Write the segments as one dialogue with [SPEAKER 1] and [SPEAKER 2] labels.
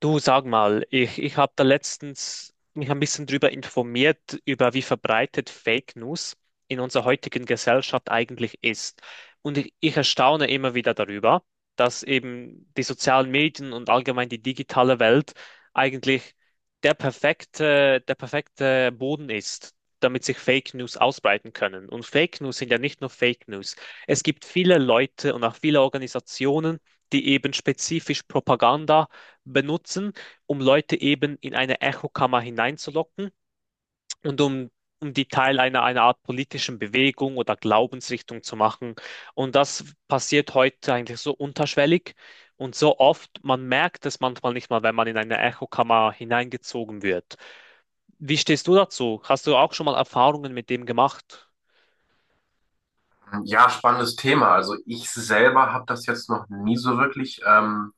[SPEAKER 1] Du sag mal, ich habe da letztens mich ein bisschen drüber informiert, über wie verbreitet Fake News in unserer heutigen Gesellschaft eigentlich ist. Und ich erstaune immer wieder darüber, dass eben die sozialen Medien und allgemein die digitale Welt eigentlich der perfekte Boden ist, damit sich Fake News ausbreiten können. Und Fake News sind ja nicht nur Fake News. Es gibt viele Leute und auch viele Organisationen, die eben spezifisch Propaganda benutzen, um Leute eben in eine Echokammer hineinzulocken und um die Teil einer Art politischen Bewegung oder Glaubensrichtung zu machen. Und das passiert heute eigentlich so unterschwellig und so oft, man merkt es manchmal nicht mal, wenn man in eine Echokammer hineingezogen wird. Wie stehst du dazu? Hast du auch schon mal Erfahrungen mit dem gemacht?
[SPEAKER 2] Ja, spannendes Thema. Also ich selber habe das jetzt noch nie so wirklich ähm,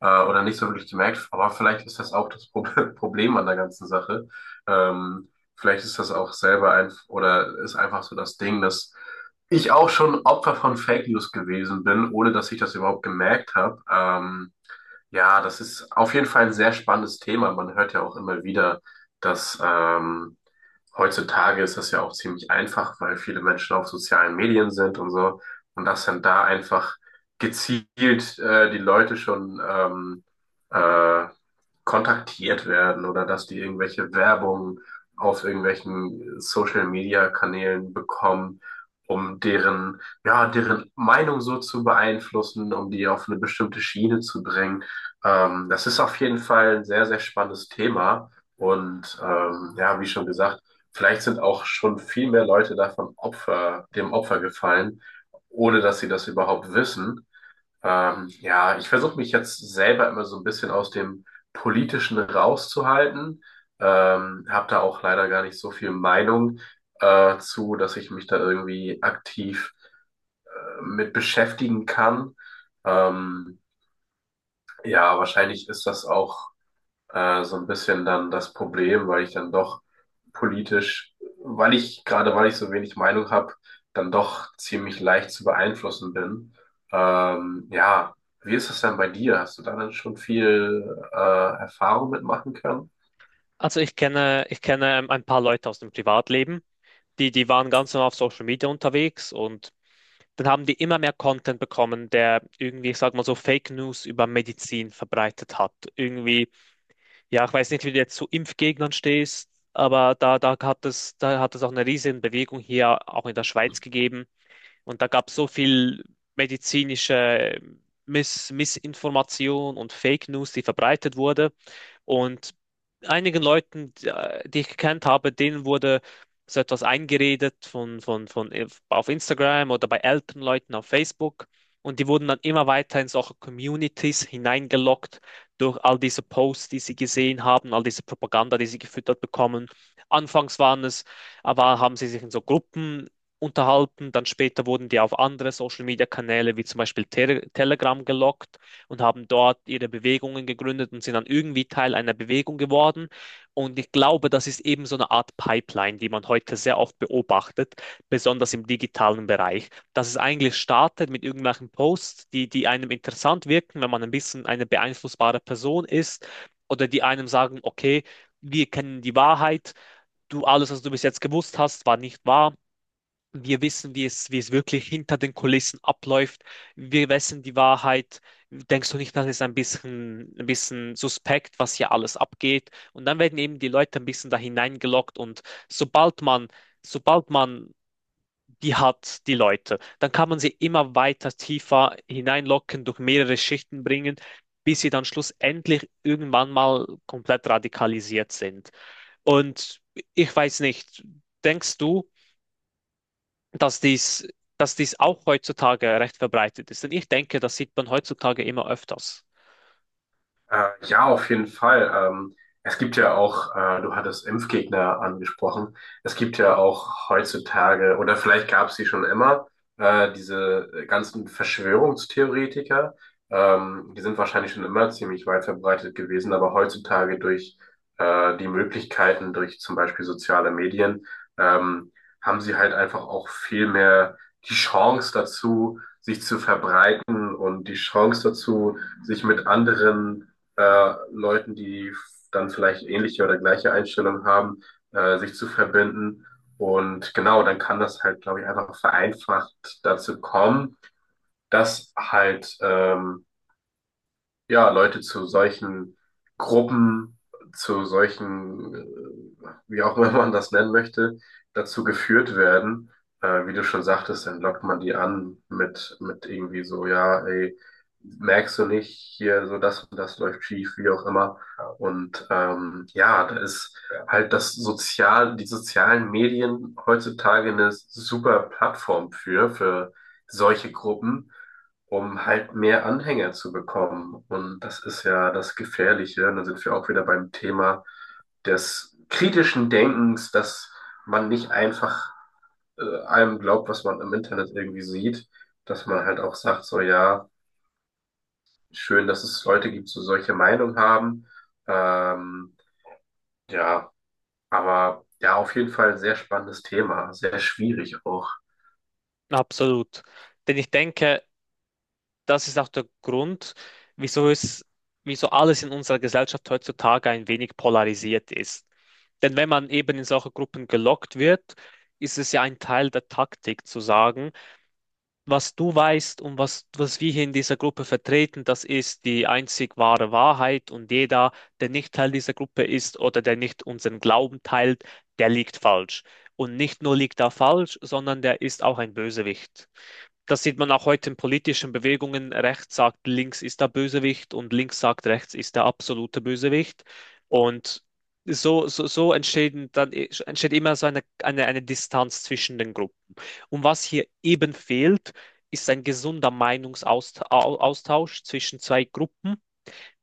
[SPEAKER 2] äh, oder nicht so wirklich gemerkt, aber vielleicht ist das auch das Pro Problem an der ganzen Sache. Ähm, Vielleicht ist das auch selber ein oder ist einfach so das Ding, dass ich auch schon Opfer von Fake News gewesen bin, ohne dass ich das überhaupt gemerkt habe. Ja, das ist auf jeden Fall ein sehr spannendes Thema. Man hört ja auch immer wieder, dass heutzutage ist das ja auch ziemlich einfach, weil viele Menschen auf sozialen Medien sind und so. Und dass dann da einfach gezielt die Leute schon äh, kontaktiert werden oder dass die irgendwelche Werbung auf irgendwelchen Social-Media-Kanälen bekommen, um deren, ja, deren Meinung so zu beeinflussen, um die auf eine bestimmte Schiene zu bringen. Das ist auf jeden Fall ein sehr, sehr spannendes Thema. Und ja, wie schon gesagt, vielleicht sind auch schon viel mehr Leute davon Opfer, dem Opfer gefallen, ohne dass sie das überhaupt wissen. Ja, ich versuche mich jetzt selber immer so ein bisschen aus dem Politischen rauszuhalten. Habe da auch leider gar nicht so viel Meinung zu, dass ich mich da irgendwie aktiv mit beschäftigen kann. Ähm, ja, wahrscheinlich ist das auch so ein bisschen dann das Problem, weil ich dann doch politisch, weil ich, gerade weil ich so wenig Meinung habe, dann doch ziemlich leicht zu beeinflussen bin. Ja, wie ist das denn bei dir? Hast du da dann schon viel äh, Erfahrung mitmachen können?
[SPEAKER 1] Also ich kenne ein paar Leute aus dem Privatleben, die waren ganz normal auf Social Media unterwegs und dann haben die immer mehr Content bekommen, der irgendwie, ich sag mal so, Fake News über Medizin verbreitet hat. Irgendwie, ja, ich weiß nicht, wie du jetzt zu Impfgegnern stehst, aber da hat es auch eine riesen Bewegung hier, auch in der Schweiz gegeben, und da gab es so viel medizinische Missinformation und Fake News, die verbreitet wurde. Und einigen Leuten, die ich gekannt habe, denen wurde so etwas eingeredet von auf Instagram oder bei älteren Leuten auf Facebook. Und die wurden dann immer weiter in solche Communities hineingelockt durch all diese Posts, die sie gesehen haben, all diese Propaganda, die sie gefüttert bekommen. Anfangs waren es, aber haben sie sich in so Gruppen unterhalten. Dann später wurden die auf andere Social-Media-Kanäle wie zum Beispiel Telegram gelockt und haben dort ihre Bewegungen gegründet und sind dann irgendwie Teil einer Bewegung geworden. Und ich glaube, das ist eben so eine Art Pipeline, die man heute sehr oft beobachtet, besonders im digitalen Bereich, dass es eigentlich startet mit irgendwelchen Posts, die einem interessant wirken, wenn man ein bisschen eine beeinflussbare Person ist oder die einem sagen, okay, wir kennen die Wahrheit, du alles, was du bis jetzt gewusst hast, war nicht wahr, wir wissen, wie es wirklich hinter den Kulissen abläuft. Wir wissen die Wahrheit. Denkst du nicht, das ist ein bisschen suspekt, was hier alles abgeht? Und dann werden eben die Leute ein bisschen da hineingelockt und sobald man, sobald man die hat, die Leute, dann kann man sie immer weiter tiefer hineinlocken, durch mehrere Schichten bringen, bis sie dann schlussendlich irgendwann mal komplett radikalisiert sind. Und ich weiß nicht, denkst du, dass dies, dass dies auch heutzutage recht verbreitet ist? Denn ich denke, das sieht man heutzutage immer öfters.
[SPEAKER 2] Ja, auf jeden Fall. Es gibt ja auch, du hattest Impfgegner angesprochen. Es gibt ja auch heutzutage, oder vielleicht gab es sie schon immer, diese ganzen Verschwörungstheoretiker. Die sind wahrscheinlich schon immer ziemlich weit verbreitet gewesen, aber heutzutage durch die Möglichkeiten, durch zum Beispiel soziale Medien, ähm, haben sie halt einfach auch viel mehr die Chance dazu, sich zu verbreiten und die Chance dazu, sich mit anderen Leuten, die dann vielleicht ähnliche oder gleiche Einstellungen haben, sich zu verbinden. Und genau, dann kann das halt, glaube ich, einfach vereinfacht dazu kommen, dass halt ja, Leute zu solchen Gruppen, zu solchen, wie auch immer man das nennen möchte, dazu geführt werden. Wie du schon sagtest, dann lockt man die an mit irgendwie so, ja, ey, merkst du nicht, hier so das und das läuft schief, wie auch immer. Und ja, da ist halt das Sozial, die sozialen Medien heutzutage eine super Plattform für solche Gruppen um halt mehr Anhänger zu bekommen. Und das ist ja das Gefährliche. Und dann sind wir auch wieder beim Thema des kritischen Denkens, dass man nicht einfach allem glaubt, was man im Internet irgendwie sieht, dass man halt auch sagt, so ja, schön, dass es Leute gibt, die solche Meinung haben. Ähm, ja, aber ja, auf jeden Fall ein sehr spannendes Thema, sehr schwierig auch.
[SPEAKER 1] Absolut. Denn ich denke, das ist auch der Grund, wieso es, wieso alles in unserer Gesellschaft heutzutage ein wenig polarisiert ist. Denn wenn man eben in solche Gruppen gelockt wird, ist es ja ein Teil der Taktik zu sagen, was du weißt und was wir hier in dieser Gruppe vertreten, das ist die einzig wahre Wahrheit und jeder, der nicht Teil dieser Gruppe ist oder der nicht unseren Glauben teilt, der liegt falsch. Und nicht nur liegt er falsch, sondern der ist auch ein Bösewicht. Das sieht man auch heute in politischen Bewegungen. Rechts sagt, links ist der Bösewicht und links sagt, rechts ist der absolute Bösewicht. Und so entstehen dann, entsteht immer so eine Distanz zwischen den Gruppen. Und was hier eben fehlt, ist ein gesunder Meinungsaustausch zwischen zwei Gruppen,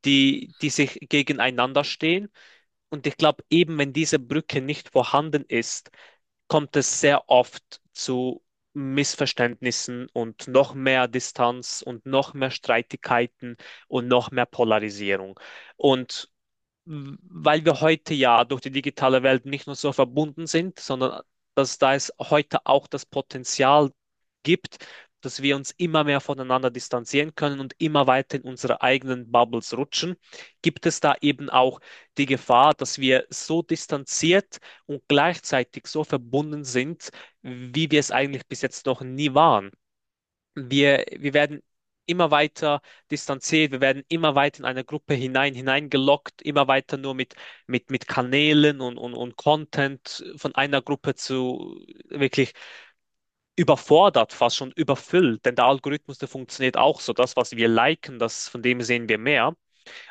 [SPEAKER 1] die sich gegeneinander stehen. Und ich glaube, eben wenn diese Brücke nicht vorhanden ist, kommt es sehr oft zu Missverständnissen und noch mehr Distanz und noch mehr Streitigkeiten und noch mehr Polarisierung. Und weil wir heute ja durch die digitale Welt nicht nur so verbunden sind, sondern dass da es heute auch das Potenzial gibt, dass wir uns immer mehr voneinander distanzieren können und immer weiter in unsere eigenen Bubbles rutschen, gibt es da eben auch die Gefahr, dass wir so distanziert und gleichzeitig so verbunden sind, wie wir es eigentlich bis jetzt noch nie waren. Wir werden immer weiter distanziert, wir werden immer weiter in eine Gruppe hineingelockt, immer weiter nur mit Kanälen und Content von einer Gruppe zu wirklich überfordert, fast schon überfüllt. Denn der Algorithmus, der funktioniert auch so. Das, was wir liken, das, von dem sehen wir mehr.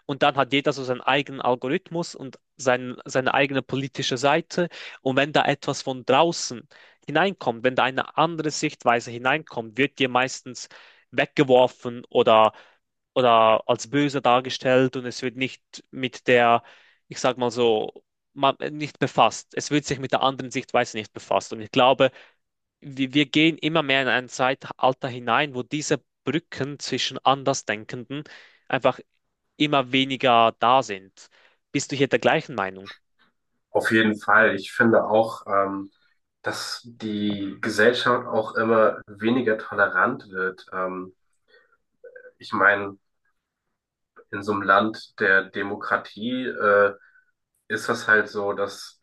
[SPEAKER 1] Und dann hat jeder so seinen eigenen Algorithmus und seine eigene politische Seite. Und wenn da etwas von draußen hineinkommt, wenn da eine andere Sichtweise hineinkommt, wird dir meistens weggeworfen oder als böse dargestellt und es wird nicht mit der, ich sag mal so, nicht befasst. Es wird sich mit der anderen Sichtweise nicht befasst. Und ich glaube, wir gehen immer mehr in ein Zeitalter hinein, wo diese Brücken zwischen Andersdenkenden einfach immer weniger da sind. Bist du hier der gleichen Meinung?
[SPEAKER 2] Auf jeden Fall. Ich finde auch, dass die Gesellschaft auch immer weniger tolerant wird. Ich meine, in so einem Land der Demokratie, ist das halt so, dass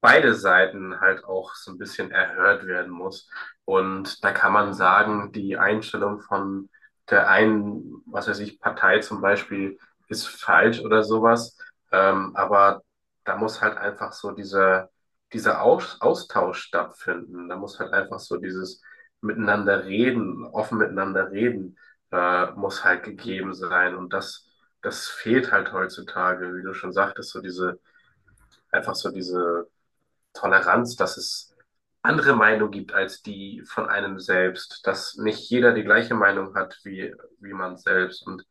[SPEAKER 2] beide Seiten halt auch so ein bisschen erhört werden muss. Und da kann man sagen, die Einstellung von der einen, was weiß ich, Partei zum Beispiel ist falsch oder sowas. Aber da muss halt einfach so dieser, dieser Aus Austausch stattfinden. Da muss halt einfach so dieses Miteinander reden, offen miteinander reden, muss halt gegeben sein. Und das, das fehlt halt heutzutage, wie du schon sagtest, so diese, einfach so diese Toleranz, dass es andere Meinungen gibt als die von einem selbst, dass nicht jeder die gleiche Meinung hat wie, wie man selbst und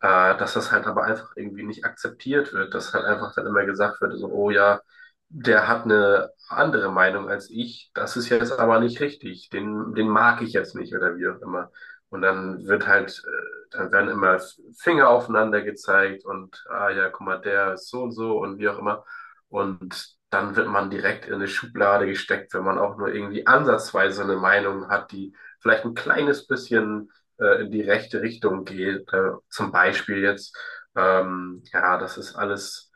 [SPEAKER 2] dass das halt aber einfach irgendwie nicht akzeptiert wird, dass halt einfach dann immer gesagt wird, so, oh ja, der hat eine andere Meinung als ich, das ist jetzt aber nicht richtig, den, den mag ich jetzt nicht oder wie auch immer. Und dann wird halt, dann werden immer Finger aufeinander gezeigt und, ah ja, guck mal, der ist so und so und wie auch immer. Und dann wird man direkt in eine Schublade gesteckt, wenn man auch nur irgendwie ansatzweise eine Meinung hat, die vielleicht ein kleines bisschen in die rechte Richtung geht. Zum Beispiel jetzt, ja, das ist alles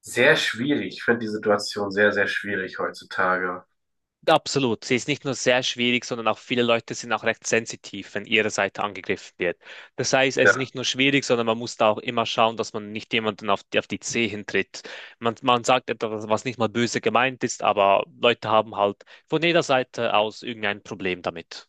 [SPEAKER 2] sehr schwierig. Ich finde die Situation sehr, sehr schwierig heutzutage.
[SPEAKER 1] Absolut. Sie ist nicht nur sehr schwierig, sondern auch viele Leute sind auch recht sensitiv, wenn ihre Seite angegriffen wird. Das heißt, es ist nicht
[SPEAKER 2] Ja.
[SPEAKER 1] nur schwierig, sondern man muss da auch immer schauen, dass man nicht jemanden auf die Zehen tritt. Man sagt etwas, was nicht mal böse gemeint ist, aber Leute haben halt von jeder Seite aus irgendein Problem damit.